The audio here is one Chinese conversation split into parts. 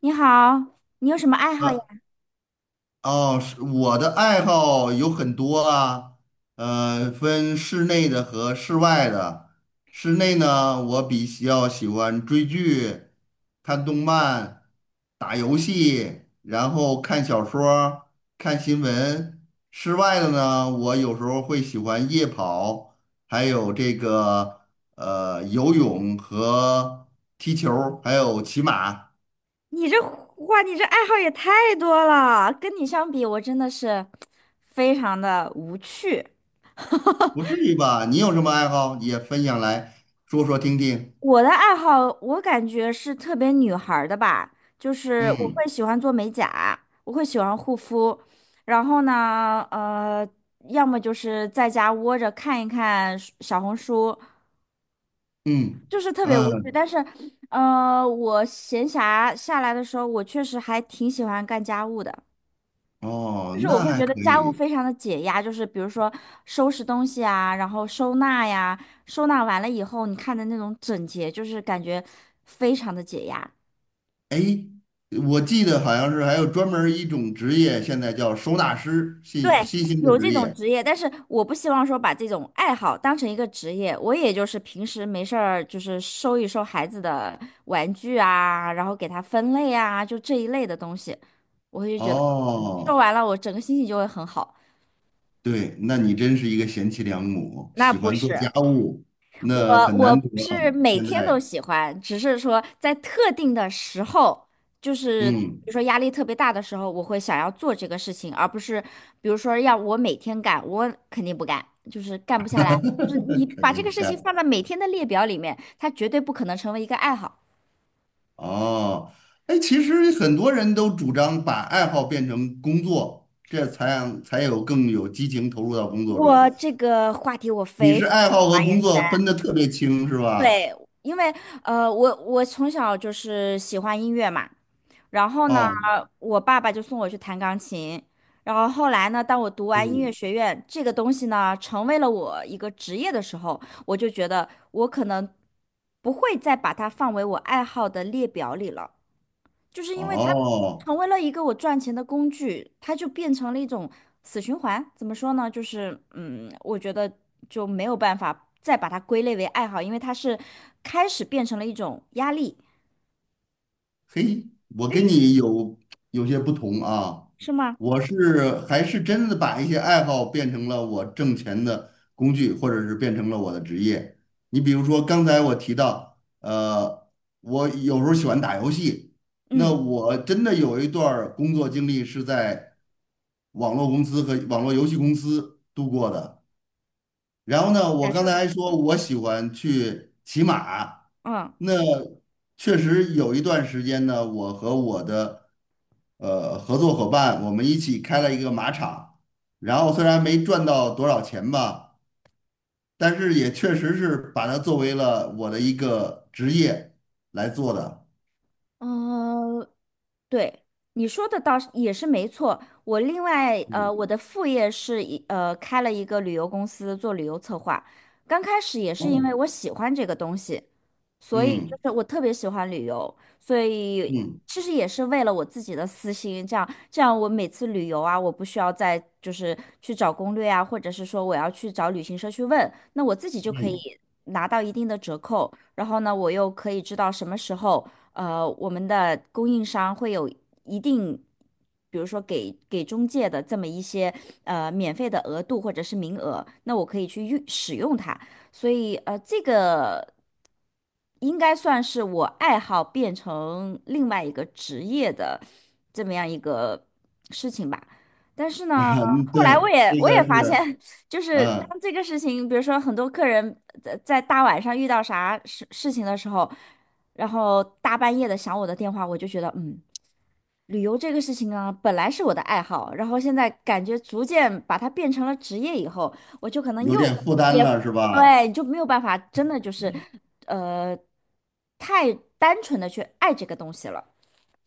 你好，你有什么爱好呀？哦，是我的爱好有很多啊，分室内的和室外的。室内呢，我比较喜欢追剧、看动漫、打游戏，然后看小说儿看新闻。室外的呢，我有时候会喜欢夜跑，还有这个游泳和踢球儿还有骑马。你这话，哇，你这爱好也太多了。跟你相比，我真的是非常的无趣。不至于吧？你有什么爱好也分享来说说听听。我的爱好，我感觉是特别女孩儿的吧，就是我嗯会喜欢做美甲，我会喜欢护肤，然后呢，要么就是在家窝着看一看小红书，嗯就是特别无趣。嗯，但是，我闲暇下来的时候，我确实还挺喜欢干家务的。哦，就是我那会还觉得可家务以。非常的解压，就是比如说收拾东西啊，然后收纳呀，收纳完了以后，你看的那种整洁，就是感觉非常的解压。哎，我记得好像是还有专门儿一种职业，现在叫收纳师，新对，新兴的有职这种业。职业，但是我不希望说把这种爱好当成一个职业，我也就是平时没事儿就是收一收孩子的玩具啊，然后给他分类啊，就这一类的东西，嗯，收哦，完了我整个心情就会很好。对，那你真是一个贤妻良母，那喜不欢做是。家务，我那很我难不得啊。是每现天在，都喜欢，只是说在特定的时候，就是比嗯，如说压力特别大的时候，我会想要做这个事情，而不是比如说让我每天干，我肯定不干，就是干不下来。就是你 肯把这定个不事情干。放在每天的列表里面，它绝对不可能成为一个爱好。哦，哎，其实很多人都主张把爱好变成工作，这才让才有更有激情投入到工作中。我这个话题我你非是常。爱好和工言作分的特别清，是吧？对，因为我从小就是喜欢音乐嘛，然后呢，哦，我爸爸就送我去弹钢琴，然后后来呢，当我读完音哦，乐学院这个东西呢，成为了我一个职业的时候，我就觉得我可能不会再把它放为我爱好的列表里了。就是因为它哦，成为了一个我赚钱的工具，它就变成了一种死循环。怎么说呢？就是嗯，我觉得就没有办法再把它归类为爱好，因为它是开始变成了一种压力，嘿，我跟对，你有些不同啊，是吗？我是还是真的把一些爱好变成了我挣钱的工具，或者是变成了我的职业。你比如说，刚才我提到，我有时候喜欢打游戏，那嗯，我真的有一段儿工作经历是在网络公司和网络游戏公司度过的。然后呢，我感刚受才怎还么样？说我喜欢去骑马，嗯。那确实有一段时间呢，我和我的合作伙伴，我们一起开了一个马场，然后虽然没赚到多少钱吧，但是也确实是把它作为了我的一个职业来做的。呃，对，你说的倒是也是没错。我另外我的副业是开了一个旅游公司做旅游策划。刚开始也是因哦，为我喜欢这个东西，所以就嗯是我特别喜欢旅游，所以嗯其实也是为了我自己的私心，这样我每次旅游啊，我不需要再就是去找攻略啊，或者是说我要去找旅行社去问，那我自己就可以嗯，拿到一定的折扣，然后呢，我又可以知道什么时候。我们的供应商会有一定，比如说给中介的这么一些免费的额度或者是名额，那我可以去用使用它。所以这个。应该算是我爱好变成另外一个职业的这么样一个事情吧。但是 呢，嗯后来我对，也这我也个发现，是就是嗯当这个事情，比如说很多客人在大晚上遇到啥事情的时候，然后大半夜的响我的电话，我就觉得嗯。旅游这个事情啊，本来是我的爱好，然后现在感觉逐渐把它变成了职业以后，我就可能有点负担也了，是吧？对，就没有办法真的就是呃太单纯的去爱这个东西了。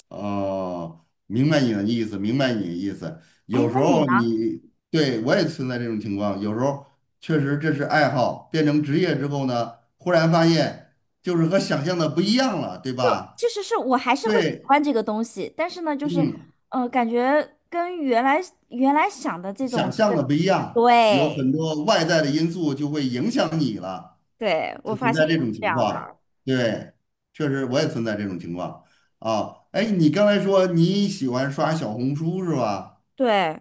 哦，明白你的意思，明白你的意思。哎，有时那你候呢？你对我也存在这种情况，有时候确实这是爱好，变成职业之后呢，忽然发现就是和想象的不一样了，对吧？其实是我还是会喜对，欢这个东西，但是呢，就是嗯，感觉跟原来想的这种想象是，的不一样，有对很多外在的因素就会影响你了，对，我就存发现在这也是种这情样的，况。对，确实我也存在这种情况啊。哎，你刚才说你喜欢刷小红书是吧？对。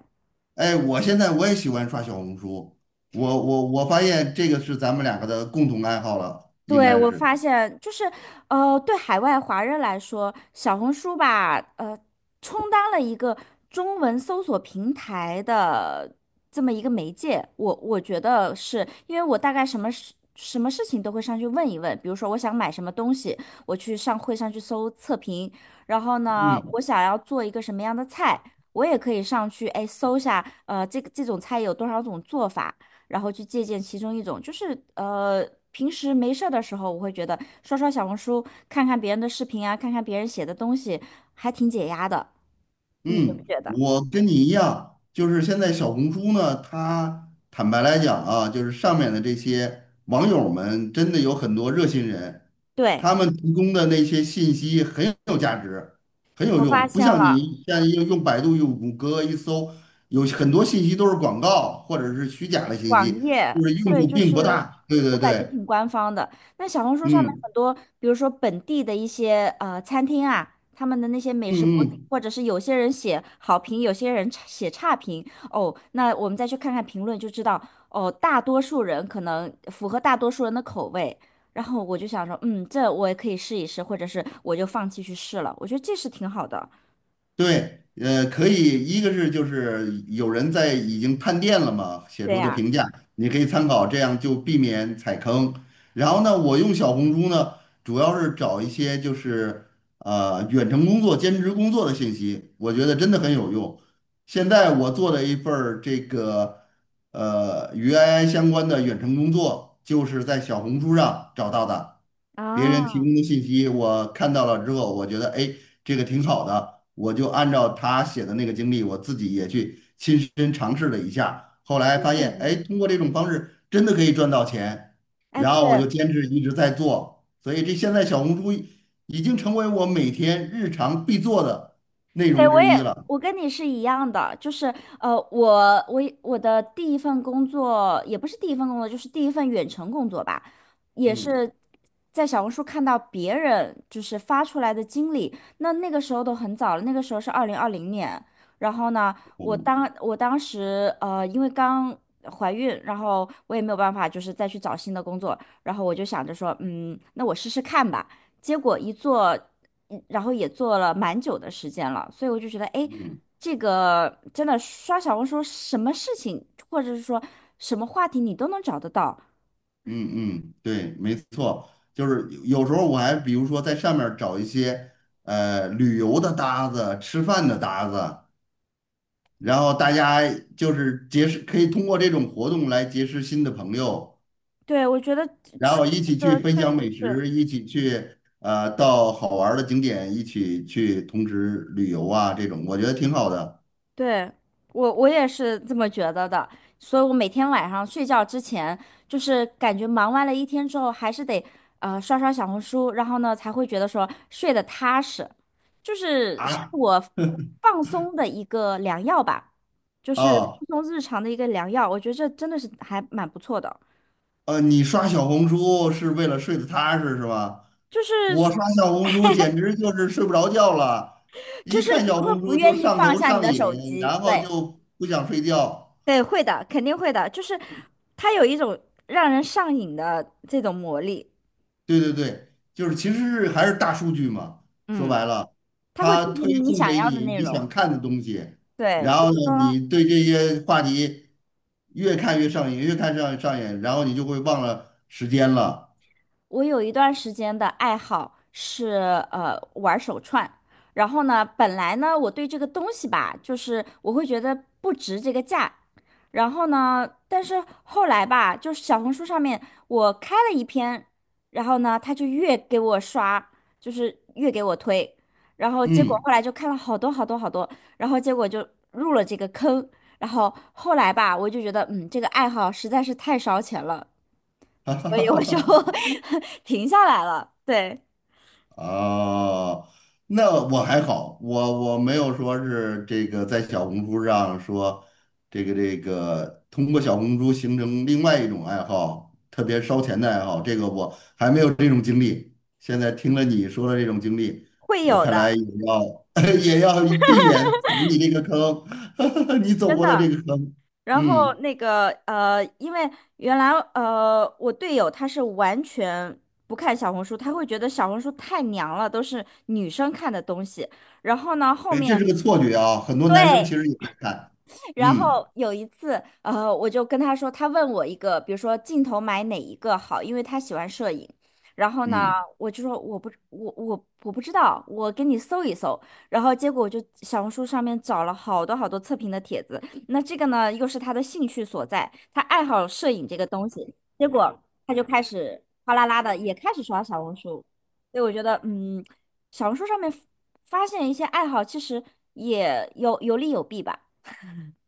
哎，我现在我也喜欢刷小红书，我发现这个是咱们两个的共同爱好了，应对，嗯该我是。发现就是，对海外华人来说，小红书吧，充当了一个中文搜索平台的这么一个媒介。我觉得是因为我大概什么事情都会上去问一问，比如说我想买什么东西，我去上会上去搜测评，然后呢，嗯，我想要做一个什么样的菜，我也可以上去哎搜一下，这个这种菜有多少种做法。然后去借鉴其中一种，就是平时没事儿的时候，我会觉得刷刷小红书，看看别人的视频啊，看看别人写的东西，还挺解压的，你觉不嗯，觉得？我跟你一样，就是现在小红书呢，它坦白来讲啊，就是上面的这些网友们真的有很多热心人，对，他们提供的那些信息很有价值，很有我发用，不现像了，你现在用百度、用谷歌一搜，有很多信息都是广告或者是虚假的信网息，页，就是用对，处就并不是大。对我对感觉对，挺官方的。那小红书上面嗯很多，比如说本地的一些餐厅啊，他们的那些美食博嗯主，嗯，或者是有些人写好评，有些人写差评。哦，那我们再去看看评论就知道，哦，大多数人可能符合大多数人的口味。然后我就想说，嗯，这我也可以试一试，或者是我就放弃去试了。我觉得这是挺好的。对，可以，一个是就是有人在已经探店了嘛，写对出的呀，评价，你可以参考，这样就避免踩坑。然后呢，我用小红书呢，主要是找一些就是远程工作、兼职工作的信息，我觉得真的很有用。现在我做的一份儿这个与 AI 相关的远程工作，就是在小红书上找到的。别人提啊，供的信息我看到了之后，我觉得哎，这个挺好的，我就按照他写的那个经历，我自己也去亲身尝试了一下，后来发现嗯，哎，通过这种方式真的可以赚到钱，哎，然对，后我就坚持一直在做，所以这现在小红书已经成为我每天日常必做的内对，容我之也，一了。我跟你是一样的，就是我的第一份工作也不是第一份工作，就是第一份远程工作吧，也嗯是在小红书看到别人就是发出来的经历，那个时候都很早了，那个时候是2020年，然后呢，我嗯当我当时因为刚怀孕，然后我也没有办法就是再去找新的工作，然后我就想着说，嗯，那我试试看吧，结果一做。然后也做了蛮久的时间了，所以我就觉得，哎，嗯。这个真的刷小红书，什么事情或者是说什么话题你都能找得到。嗯嗯，对，没错，就是有时候我还比如说在上面儿找一些旅游的搭子、吃饭的搭子，然后大家就是结识，可以通过这种活动来结识新的朋友，对，我觉得这然后一起去个分确享美实是。食，一起去到好玩儿的景点，一起去同时旅游啊，这种我觉得挺好的对，我也是这么觉得的，所以我每天晚上睡觉之前，就是感觉忙完了一天之后，还是得刷刷小红书，然后呢才会觉得说睡得踏实，是啊。我放松的一个良药吧，就是哦放松日常的一个良药，我觉得这真的是还蛮不错的，你刷小红书是为了睡得踏实是吧？就我是刷小红书简直就是睡不着觉了，就一是看你小会红不书就愿意上放头下你上的手瘾，机，然后对就不想睡觉。对，会的，肯定会的，就是它有一种让人上瘾的这种魔力。对对对，就是其实是还是大数据嘛，说嗯，白了，他会它推荐推你送想给要的你内你容。想看的东西，对，然比后如说，呢，你对这些话题越看越上瘾，越看上上瘾，然后你就会忘了时间了。我有一段时间的爱好是玩手串，然后呢，本来呢我对这个东西吧，就是我会觉得不值这个价，然后呢，但是后来吧，就是小红书上面我开了一篇，然后呢，他就越给我刷，就是越给我推，然后结果嗯，后来就看了好多好多好多，然后结果就入了这个坑，然后后来吧，我就觉得嗯，这个爱好实在是太烧钱了。所以我就 停下来了。对，哦，那我还好，我没有说是这个在小红书上说这个通过小红书形成另外一种爱好，特别烧钱的爱好，这个我还没有这种经历。现在听了你说的这种经历，会我有看的，来也要 也要避免踩你这个坑，你走真过的这的。个坑。然后嗯，那个因为原来我队友他是完全不看小红书，他会觉得小红书太娘了，都是女生看的东西。然后呢，后哎，面这是个错觉啊，很多男生对其实也在看。然嗯后有一次，我就跟他说，他问我一个，比如说镜头买哪一个好，因为他喜欢摄影。然后呢，嗯。我就说我不知道，我给你搜一搜。然后结果我就小红书上面找了好多好多测评的帖子。那这个呢，又是他的兴趣所在，他爱好摄影这个东西。结果他就开始哗啦啦的也开始刷小红书。所以我觉得，嗯，小红书上面发现一些爱好，其实也有利有弊吧。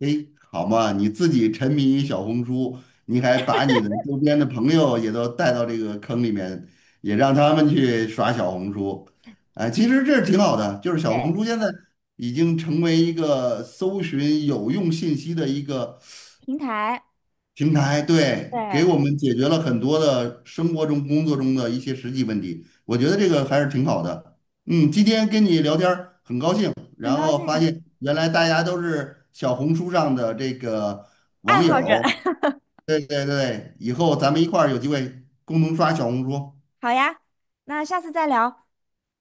哎，好嘛，你自己沉迷于小红书，你还把你的周边的朋友也都带到这个坑里面，也让他们去耍小红书，哎，其实这是挺好的，就是小红对。书现在已经成为一个搜寻有用信息的一个平台，平台对，给对，我们解决了很多的生活中、工作中的一些实际问题，我觉得这个还是挺好的。嗯，今天跟你聊天儿很高兴，很然高后兴，发现原来大家都是小红书上的这个爱网友好者，儿 对对对，以后咱们一块儿有机会共同刷小红书。好呀，那下次再聊，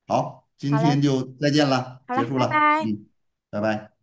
好，今好嘞，天就再见了，好结嘞，束拜了。拜。嗯，拜拜。